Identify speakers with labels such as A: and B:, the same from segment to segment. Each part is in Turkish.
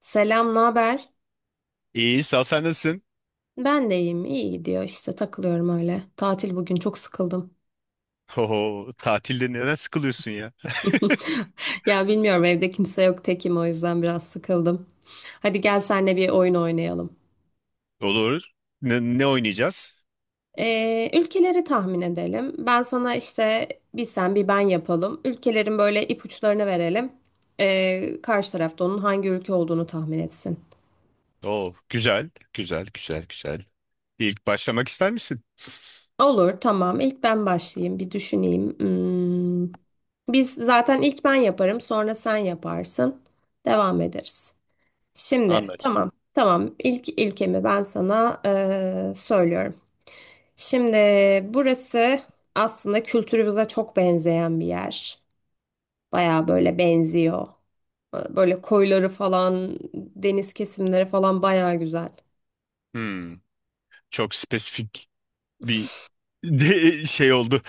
A: Selam, ne haber?
B: İyi, sağ ol, sen nasılsın?
A: Ben de iyiyim. İyi gidiyor işte takılıyorum öyle. Tatil bugün çok sıkıldım.
B: Oho, tatilde neden sıkılıyorsun ya?
A: Ya bilmiyorum, evde kimse yok, tekim, o yüzden biraz sıkıldım. Hadi gel, senle bir oyun oynayalım.
B: Olur. Ne oynayacağız?
A: Ülkeleri tahmin edelim. Ben sana işte bir sen bir ben yapalım. Ülkelerin böyle ipuçlarını verelim. Karşı tarafta onun hangi ülke olduğunu tahmin etsin.
B: Oo, güzel, güzel, güzel, güzel. İlk başlamak ister misin?
A: Olur, tamam. İlk ben başlayayım, bir düşüneyim. Hmm. Biz zaten ilk ben yaparım, sonra sen yaparsın. Devam ederiz. Şimdi,
B: Anlaştık.
A: tamam, tamam. İlk ilkemi ben sana söylüyorum. Şimdi burası aslında kültürümüze çok benzeyen bir yer. Baya böyle benziyor. Böyle koyları falan, deniz kesimleri falan baya güzel.
B: Hmm, çok spesifik bir de şey oldu.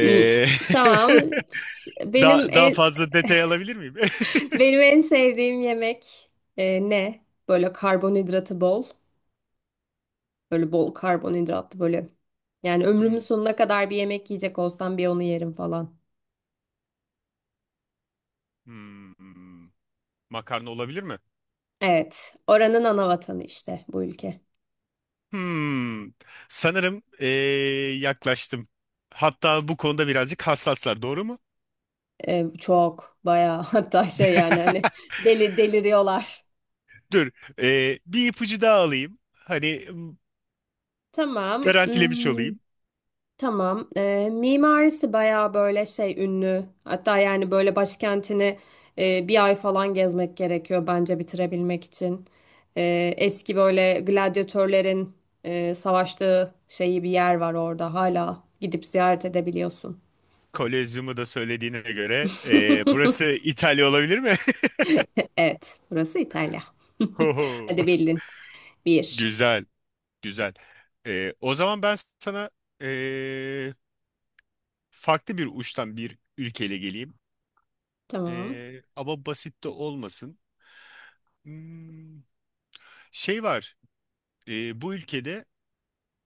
A: Hmm, Tamam. Ş- Benim
B: daha
A: en,
B: fazla detay alabilir miyim?
A: Benim en sevdiğim yemek ne? Böyle karbonhidratı bol. Böyle bol karbonhidratlı böyle. Yani ömrümün
B: Hmm,
A: sonuna kadar bir yemek yiyecek olsam bir onu yerim falan.
B: hmm, hmm. Makarna olabilir mi?
A: Evet. Oranın ana vatanı işte bu ülke.
B: Hmm, sanırım yaklaştım. Hatta bu konuda birazcık hassaslar, doğru mu?
A: Çok bayağı, hatta şey yani hani deliriyorlar.
B: Dur. Bir ipucu daha alayım.
A: Tamam.
B: Garantilemiş olayım.
A: Tamam. Mimarisi bayağı böyle şey ünlü. Hatta yani böyle başkentini bir ay falan gezmek gerekiyor bence bitirebilmek için. Eski böyle gladyatörlerin savaştığı şeyi bir yer var orada. Hala gidip ziyaret edebiliyorsun.
B: Kolezyumu da söylediğine göre, burası İtalya olabilir mi?
A: Evet, burası İtalya.
B: Hoho.
A: Hadi bildin. Bir.
B: Güzel. Güzel. O zaman ben sana ee, farklı bir uçtan bir ülkeyle geleyim.
A: Tamam.
B: Ama basit de olmasın. Hmm, şey var. Bu ülkede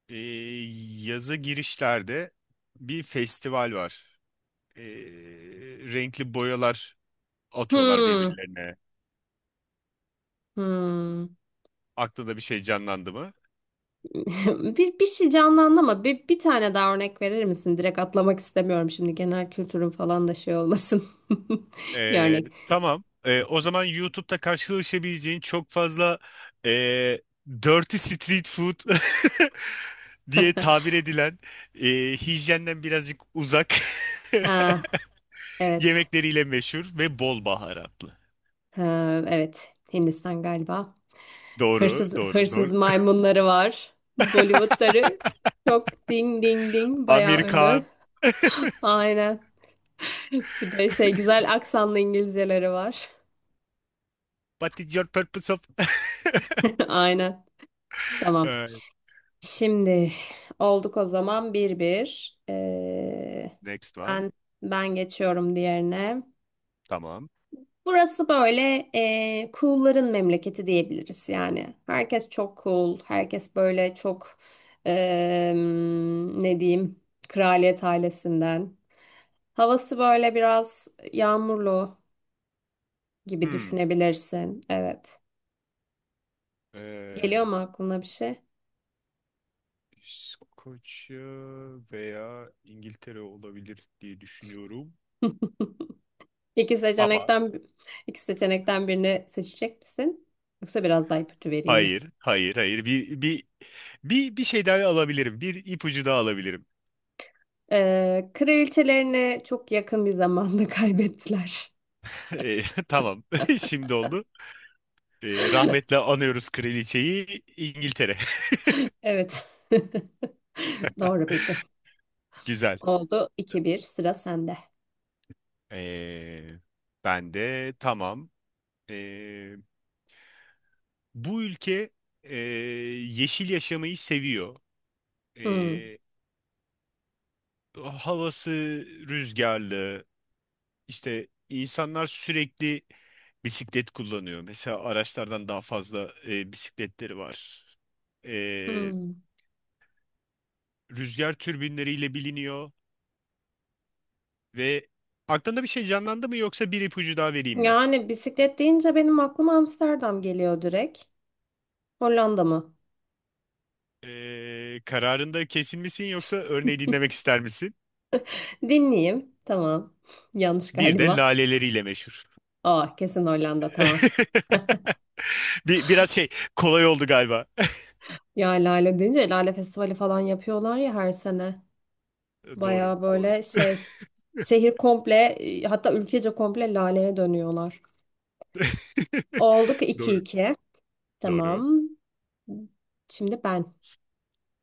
B: ee, yazı girişlerde bir festival var. Ee, renkli boyalar atıyorlar
A: Hmm.
B: birbirlerine.
A: Hmm.
B: Aklında bir şey canlandı mı?
A: Bir şey canlandı ama bir tane daha örnek verir misin? Direkt atlamak istemiyorum şimdi, genel kültürün falan da şey olmasın. Bir
B: Ee,
A: örnek.
B: tamam. O zaman YouTube'da karşılaşabileceğin çok fazla ee, dirty street food diye tabir edilen, hijyenden birazcık uzak
A: Ah, evet.
B: yemekleriyle meşhur ve bol baharatlı.
A: Ha, evet. Hindistan galiba. Hırsız
B: Doğru, doğru,
A: hırsız
B: doğru.
A: maymunları var. Bollywoodları çok ding ding ding bayağı ünlü.
B: Amerikan.
A: Aynen. Bir de şey, güzel aksanlı İngilizceleri var.
B: What is your purpose of...
A: Aynen. Tamam.
B: Ee,
A: Şimdi olduk o zaman 1-1.
B: Next one.
A: Ben ben geçiyorum diğerine.
B: Tamam.
A: Burası böyle cool'ların memleketi diyebiliriz yani. Herkes çok cool, herkes böyle çok ee, ne diyeyim, kraliyet ailesinden. Havası böyle biraz yağmurlu gibi
B: Hmm.
A: düşünebilirsin. Evet. Geliyor mu aklına bir şey?
B: İskoçya veya İngiltere olabilir diye düşünüyorum.
A: İki
B: Ama
A: seçenekten iki seçenekten birini seçecek misin? Yoksa biraz daha ipucu vereyim mi?
B: hayır, hayır, hayır. Bir şey daha alabilirim. Bir ipucu daha alabilirim.
A: Kraliçelerini çok yakın bir zamanda kaybettiler.
B: E, tamam. Şimdi oldu. E, rahmetle anıyoruz kraliçeyi, İngiltere.
A: Evet. Doğru bildin.
B: Güzel.
A: Oldu 2-1, sıra sende.
B: E, ben de tamam. E, bu ülke e, yeşil yaşamayı seviyor. E,
A: Hmm,
B: havası rüzgarlı, İşte insanlar sürekli bisiklet kullanıyor. Mesela araçlardan daha fazla bisikletleri var. E,
A: hmm.
B: rüzgar türbinleriyle biliniyor ve aklında bir şey canlandı mı yoksa bir ipucu daha vereyim mi?
A: Yani bisiklet deyince benim aklıma Amsterdam geliyor direkt. Hollanda mı?
B: E, kararında kesin misin yoksa örneği dinlemek ister misin?
A: Dinleyeyim. Tamam. Yanlış
B: Bir de
A: galiba.
B: laleleriyle meşhur.
A: Aa, kesin Hollanda, tamam.
B: Bir, biraz şey kolay oldu galiba.
A: Ya, Lale deyince Lale Festivali falan yapıyorlar ya her sene.
B: Doğru,
A: Baya
B: doğru.
A: böyle şey, şehir komple, hatta ülkece komple laleye dönüyorlar. Olduk iki
B: Doğru.
A: iki
B: Doğru.
A: Tamam. Şimdi ben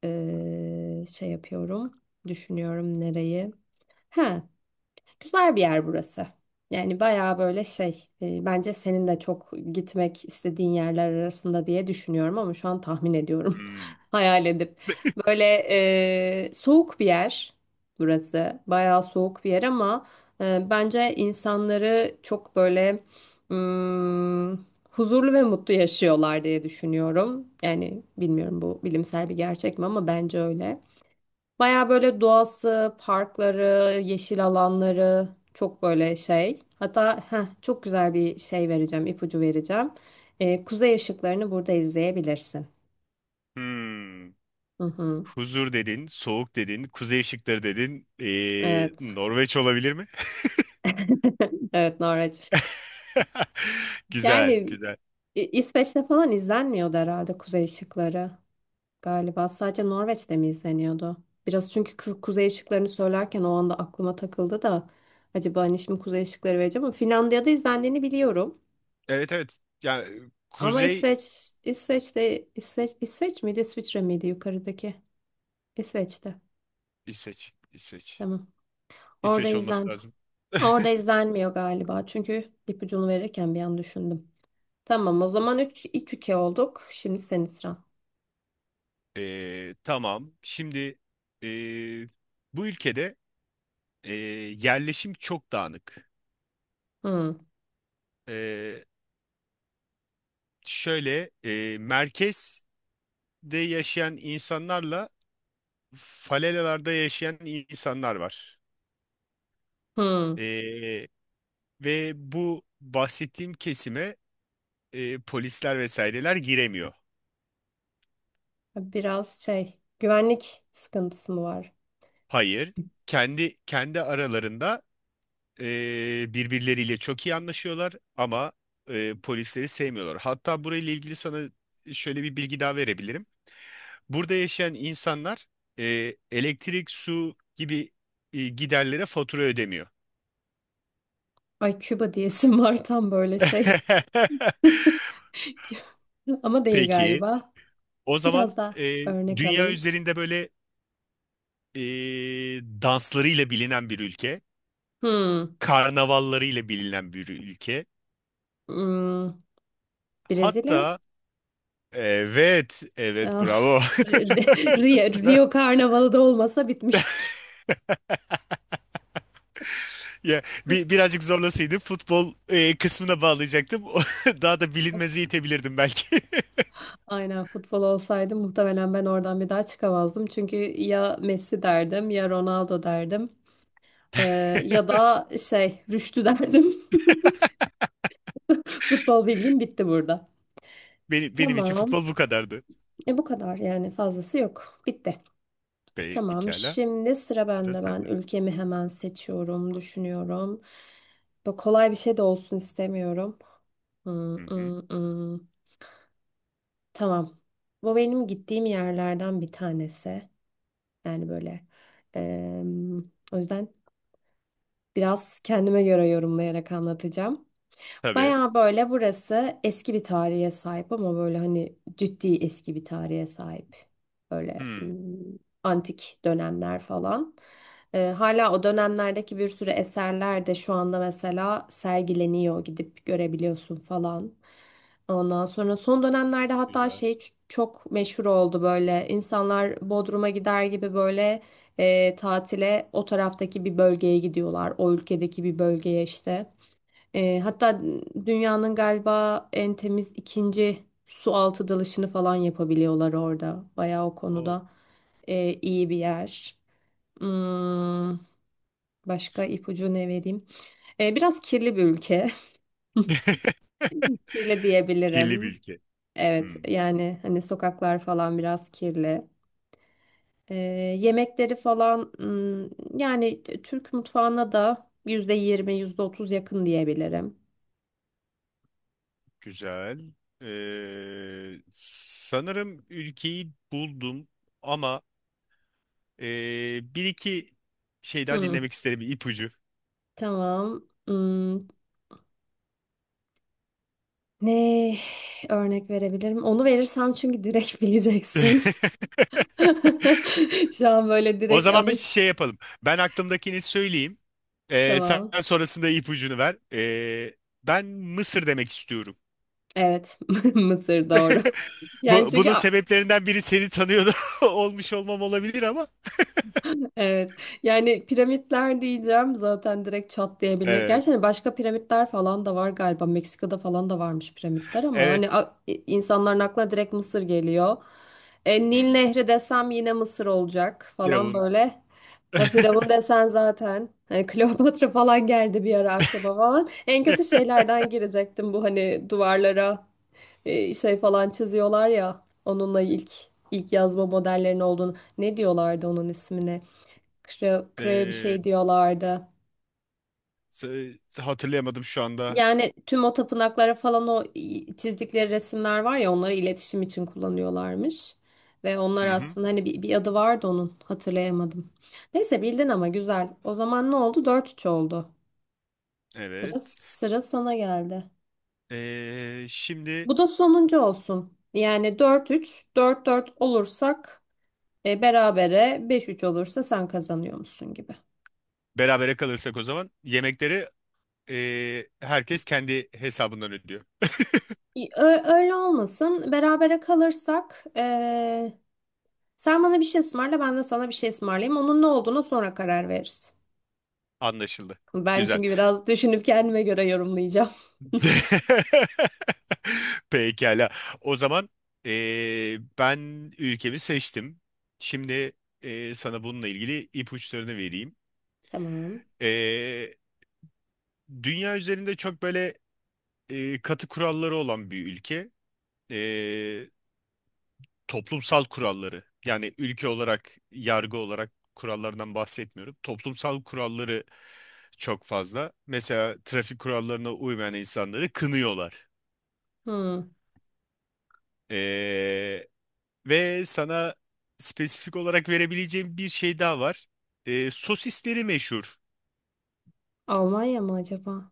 A: şey yapıyorum. Düşünüyorum nereyi. Ha, güzel bir yer burası. Yani baya böyle şey, bence senin de çok gitmek istediğin yerler arasında diye düşünüyorum, ama şu an tahmin ediyorum
B: Hmm.
A: hayal edip. Böyle soğuk bir yer burası. Bayağı soğuk bir yer, ama bence insanları çok böyle mm, huzurlu ve mutlu yaşıyorlar diye düşünüyorum. Yani bilmiyorum bu bilimsel bir gerçek mi, ama bence öyle. Bayağı böyle doğası, parkları, yeşil alanları çok böyle şey. Hatta çok güzel ipucu vereceğim. Kuzey ışıklarını burada izleyebilirsin.
B: Hmm.
A: Hı hı.
B: Huzur dedin, soğuk dedin, kuzey ışıkları dedin.
A: Evet.
B: Norveç olabilir mi?
A: Evet, Norveç.
B: Güzel,
A: Yani
B: güzel.
A: İsveç'te falan izlenmiyordu herhalde Kuzey Işıkları galiba. Sadece Norveç'te mi izleniyordu? Biraz, çünkü Kuzey Işıklarını söylerken o anda aklıma takıldı da, acaba hani şimdi Kuzey Işıkları vereceğim ama Finlandiya'da izlendiğini biliyorum.
B: Evet evet. Yani
A: Ama
B: kuzey
A: İsveç miydi, İsviçre miydi yukarıdaki? İsveç'te.
B: İsveç, İsveç.
A: Tamam. Orada
B: İsveç olması
A: izlen.
B: lazım.
A: Orada izlenmiyor galiba. Çünkü ipucunu verirken bir an düşündüm. Tamam, o zaman üç 2 olduk. Şimdi senin sıran.
B: Tamam. Şimdi ee, bu ülkede ee, yerleşim çok dağınık.
A: Hı,
B: Ee, şöyle merkezde yaşayan insanlarla falelalarda yaşayan insanlar var.
A: hı.
B: Ee, Ve bu bahsettiğim kesime polisler vesaireler giremiyor.
A: Biraz şey, güvenlik sıkıntısı mı var?
B: Hayır, kendi aralarında birbirleriyle çok iyi anlaşıyorlar ama polisleri sevmiyorlar. Hatta burayla ilgili sana şöyle bir bilgi daha verebilirim. Burada yaşayan insanlar elektrik, su gibi giderlere fatura ödemiyor.
A: Ay, Küba diyesim var tam, böyle şey. Ama değil
B: Peki,
A: galiba.
B: o zaman
A: Biraz daha
B: e,
A: örnek
B: dünya
A: alayım.
B: üzerinde böyle e, danslarıyla bilinen bir ülke,
A: Hı,
B: karnavallarıyla bilinen bir ülke.
A: hmm, Brezilya?
B: Hatta evet, evet
A: Ah,
B: bravo.
A: Rio Karnavalı da olmasa bitmiştik.
B: Ya bir, birazcık zorlasaydı futbol kısmına bağlayacaktım. Daha da bilinmezi itebilirdim belki.
A: Aynen, futbol olsaydı muhtemelen ben oradan bir daha çıkamazdım. Çünkü ya Messi derdim, ya Ronaldo derdim. Ya da şey, Rüştü derdim. Futbol bilgim bitti burada.
B: Benim için
A: Tamam.
B: futbol bu kadardı.
A: E bu kadar yani, fazlası yok. Bitti. Tamam.
B: Pekala.
A: Şimdi sıra
B: Sıra
A: bende. Ben
B: sende.
A: ülkemi hemen seçiyorum, düşünüyorum. Böyle kolay bir şey de olsun istemiyorum. Hmm,
B: Hı hı.
A: hmm, hmm. Tamam. Bu benim gittiğim yerlerden bir tanesi. Yani böyle, em, o yüzden biraz kendime göre yorumlayarak anlatacağım.
B: Tabii.
A: Baya böyle burası eski bir tarihe sahip, ama böyle hani ciddi eski bir tarihe sahip. Böyle
B: Hmm.
A: antik dönemler falan. Hala o dönemlerdeki bir sürü eserler de şu anda mesela sergileniyor. Gidip görebiliyorsun falan. Ondan sonra son dönemlerde hatta
B: Güzel.
A: şey çok meşhur oldu böyle. İnsanlar Bodrum'a gider gibi böyle tatile o taraftaki bir bölgeye gidiyorlar. O ülkedeki bir bölgeye işte. Hatta dünyanın galiba en temiz ikinci su altı dalışını falan yapabiliyorlar orada. Bayağı o
B: Oo.
A: konuda iyi bir yer. Hmm, başka ipucu ne vereyim? Biraz kirli bir ülke. Kirli
B: Kirli bir
A: diyebilirim.
B: ülke.
A: Evet,
B: Hmm.
A: yani hani sokaklar falan biraz kirli. E, yemekleri falan, yani Türk mutfağına da %20, yüzde otuz yakın diyebilirim.
B: Güzel. Ee, sanırım ülkeyi buldum ama ee, bir iki şey daha
A: Hmm,
B: dinlemek isterim, ipucu.
A: tamam. Ne örnek verebilirim? Onu verirsem, çünkü direkt bileceksin. Şu an böyle
B: O
A: direkt
B: zaman bir
A: anış.
B: şey yapalım. Ben aklımdakini söyleyeyim. Sen
A: Tamam.
B: sonrasında ipucunu ver. Ben Mısır demek istiyorum.
A: Evet. Mısır doğru. Yani
B: Bu,
A: çünkü
B: bunun sebeplerinden biri seni tanıyordu olmuş olmam olabilir ama.
A: evet. Yani piramitler diyeceğim, zaten direkt çatlayabilir.
B: Evet.
A: Gerçi hani başka piramitler falan da var galiba. Meksika'da falan da varmış piramitler, ama
B: Evet.
A: hani insanların aklına direkt Mısır geliyor.
B: Hı
A: Nil
B: hı.
A: Nehri desem yine Mısır olacak falan
B: Firavun.
A: böyle. Ya Firavun desen zaten hani Kleopatra falan geldi bir ara aklıma falan. En kötü şeylerden girecektim, bu hani duvarlara şey falan çiziyorlar ya, onunla ilk yazma modellerinin olduğunu. Ne diyorlardı onun ismini? Kreo bir
B: Ee,
A: şey diyorlardı.
B: s- hatırlayamadım şu anda.
A: Yani tüm o tapınaklara falan o çizdikleri resimler var ya, onları iletişim için kullanıyorlarmış. Ve onlar
B: Hı hı.
A: aslında hani bir adı vardı onun, hatırlayamadım. Neyse bildin, ama güzel. O zaman ne oldu? 4-3 oldu.
B: Evet.
A: Sıra sana geldi.
B: Şimdi
A: Bu da sonuncu olsun. Yani 4-3, 4-4 olursak berabere, 5-3 olursa sen kazanıyor musun gibi.
B: berabere kalırsak o zaman yemekleri herkes kendi hesabından ödüyor.
A: Öyle olmasın. Berabere kalırsak sen bana bir şey ısmarla, ben de sana bir şey ısmarlayayım. Onun ne olduğuna sonra karar veririz.
B: Anlaşıldı.
A: Ben
B: Güzel.
A: çünkü biraz düşünüp kendime göre yorumlayacağım.
B: Pekala. O zaman ben ülkemi seçtim. Şimdi sana bununla ilgili ipuçlarını vereyim.
A: Tamam.
B: Ee, dünya üzerinde çok böyle katı kuralları olan bir ülke. Ee, toplumsal kuralları. Yani ülke olarak, yargı olarak kurallardan bahsetmiyorum. Toplumsal kuralları çok fazla. Mesela trafik kurallarına uymayan insanları kınıyorlar.
A: Hmm.
B: Ee, ve sana spesifik olarak verebileceğim bir şey daha var. Sosisleri meşhur.
A: Almanya mı acaba?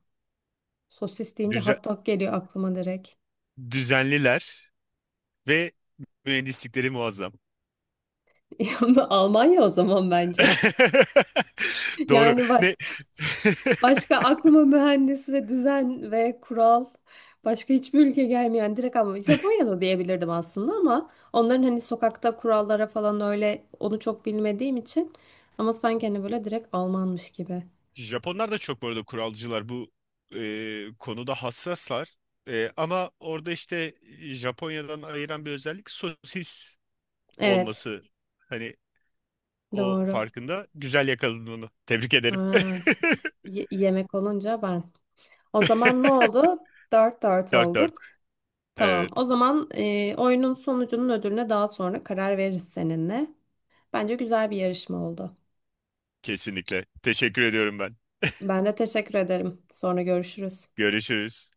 A: Sosis deyince
B: Düze-
A: hot dog geliyor aklıma direkt.
B: düzenliler ve mühendislikleri muazzam.
A: Yani Almanya, o zaman bence.
B: Doğru.
A: Yani bak,
B: Ne?
A: başka aklıma mühendis ve düzen ve kural, başka hiçbir ülke gelmeyen direkt, ama Japonya'da diyebilirdim aslında, ama onların hani sokakta kurallara falan, öyle onu çok bilmediğim için, ama sanki hani böyle direkt Almanmış gibi.
B: Japonlar da çok bu arada kuralcılar. Bu konuda hassaslar. E, ama orada işte Japonya'dan ayıran bir özellik sosis
A: Evet,
B: olması. Hani o
A: doğru,
B: farkında. Güzel yakaladın onu. Tebrik ederim.
A: aynen. Yemek olunca ben. O zaman ne oldu? 4-4
B: 4-4.
A: olduk. Tamam,
B: Evet,
A: o zaman oyunun sonucunun ödülüne daha sonra karar veririz seninle. Bence güzel bir yarışma oldu.
B: kesinlikle. Teşekkür ediyorum ben.
A: Ben de teşekkür ederim. Sonra görüşürüz.
B: Görüşürüz.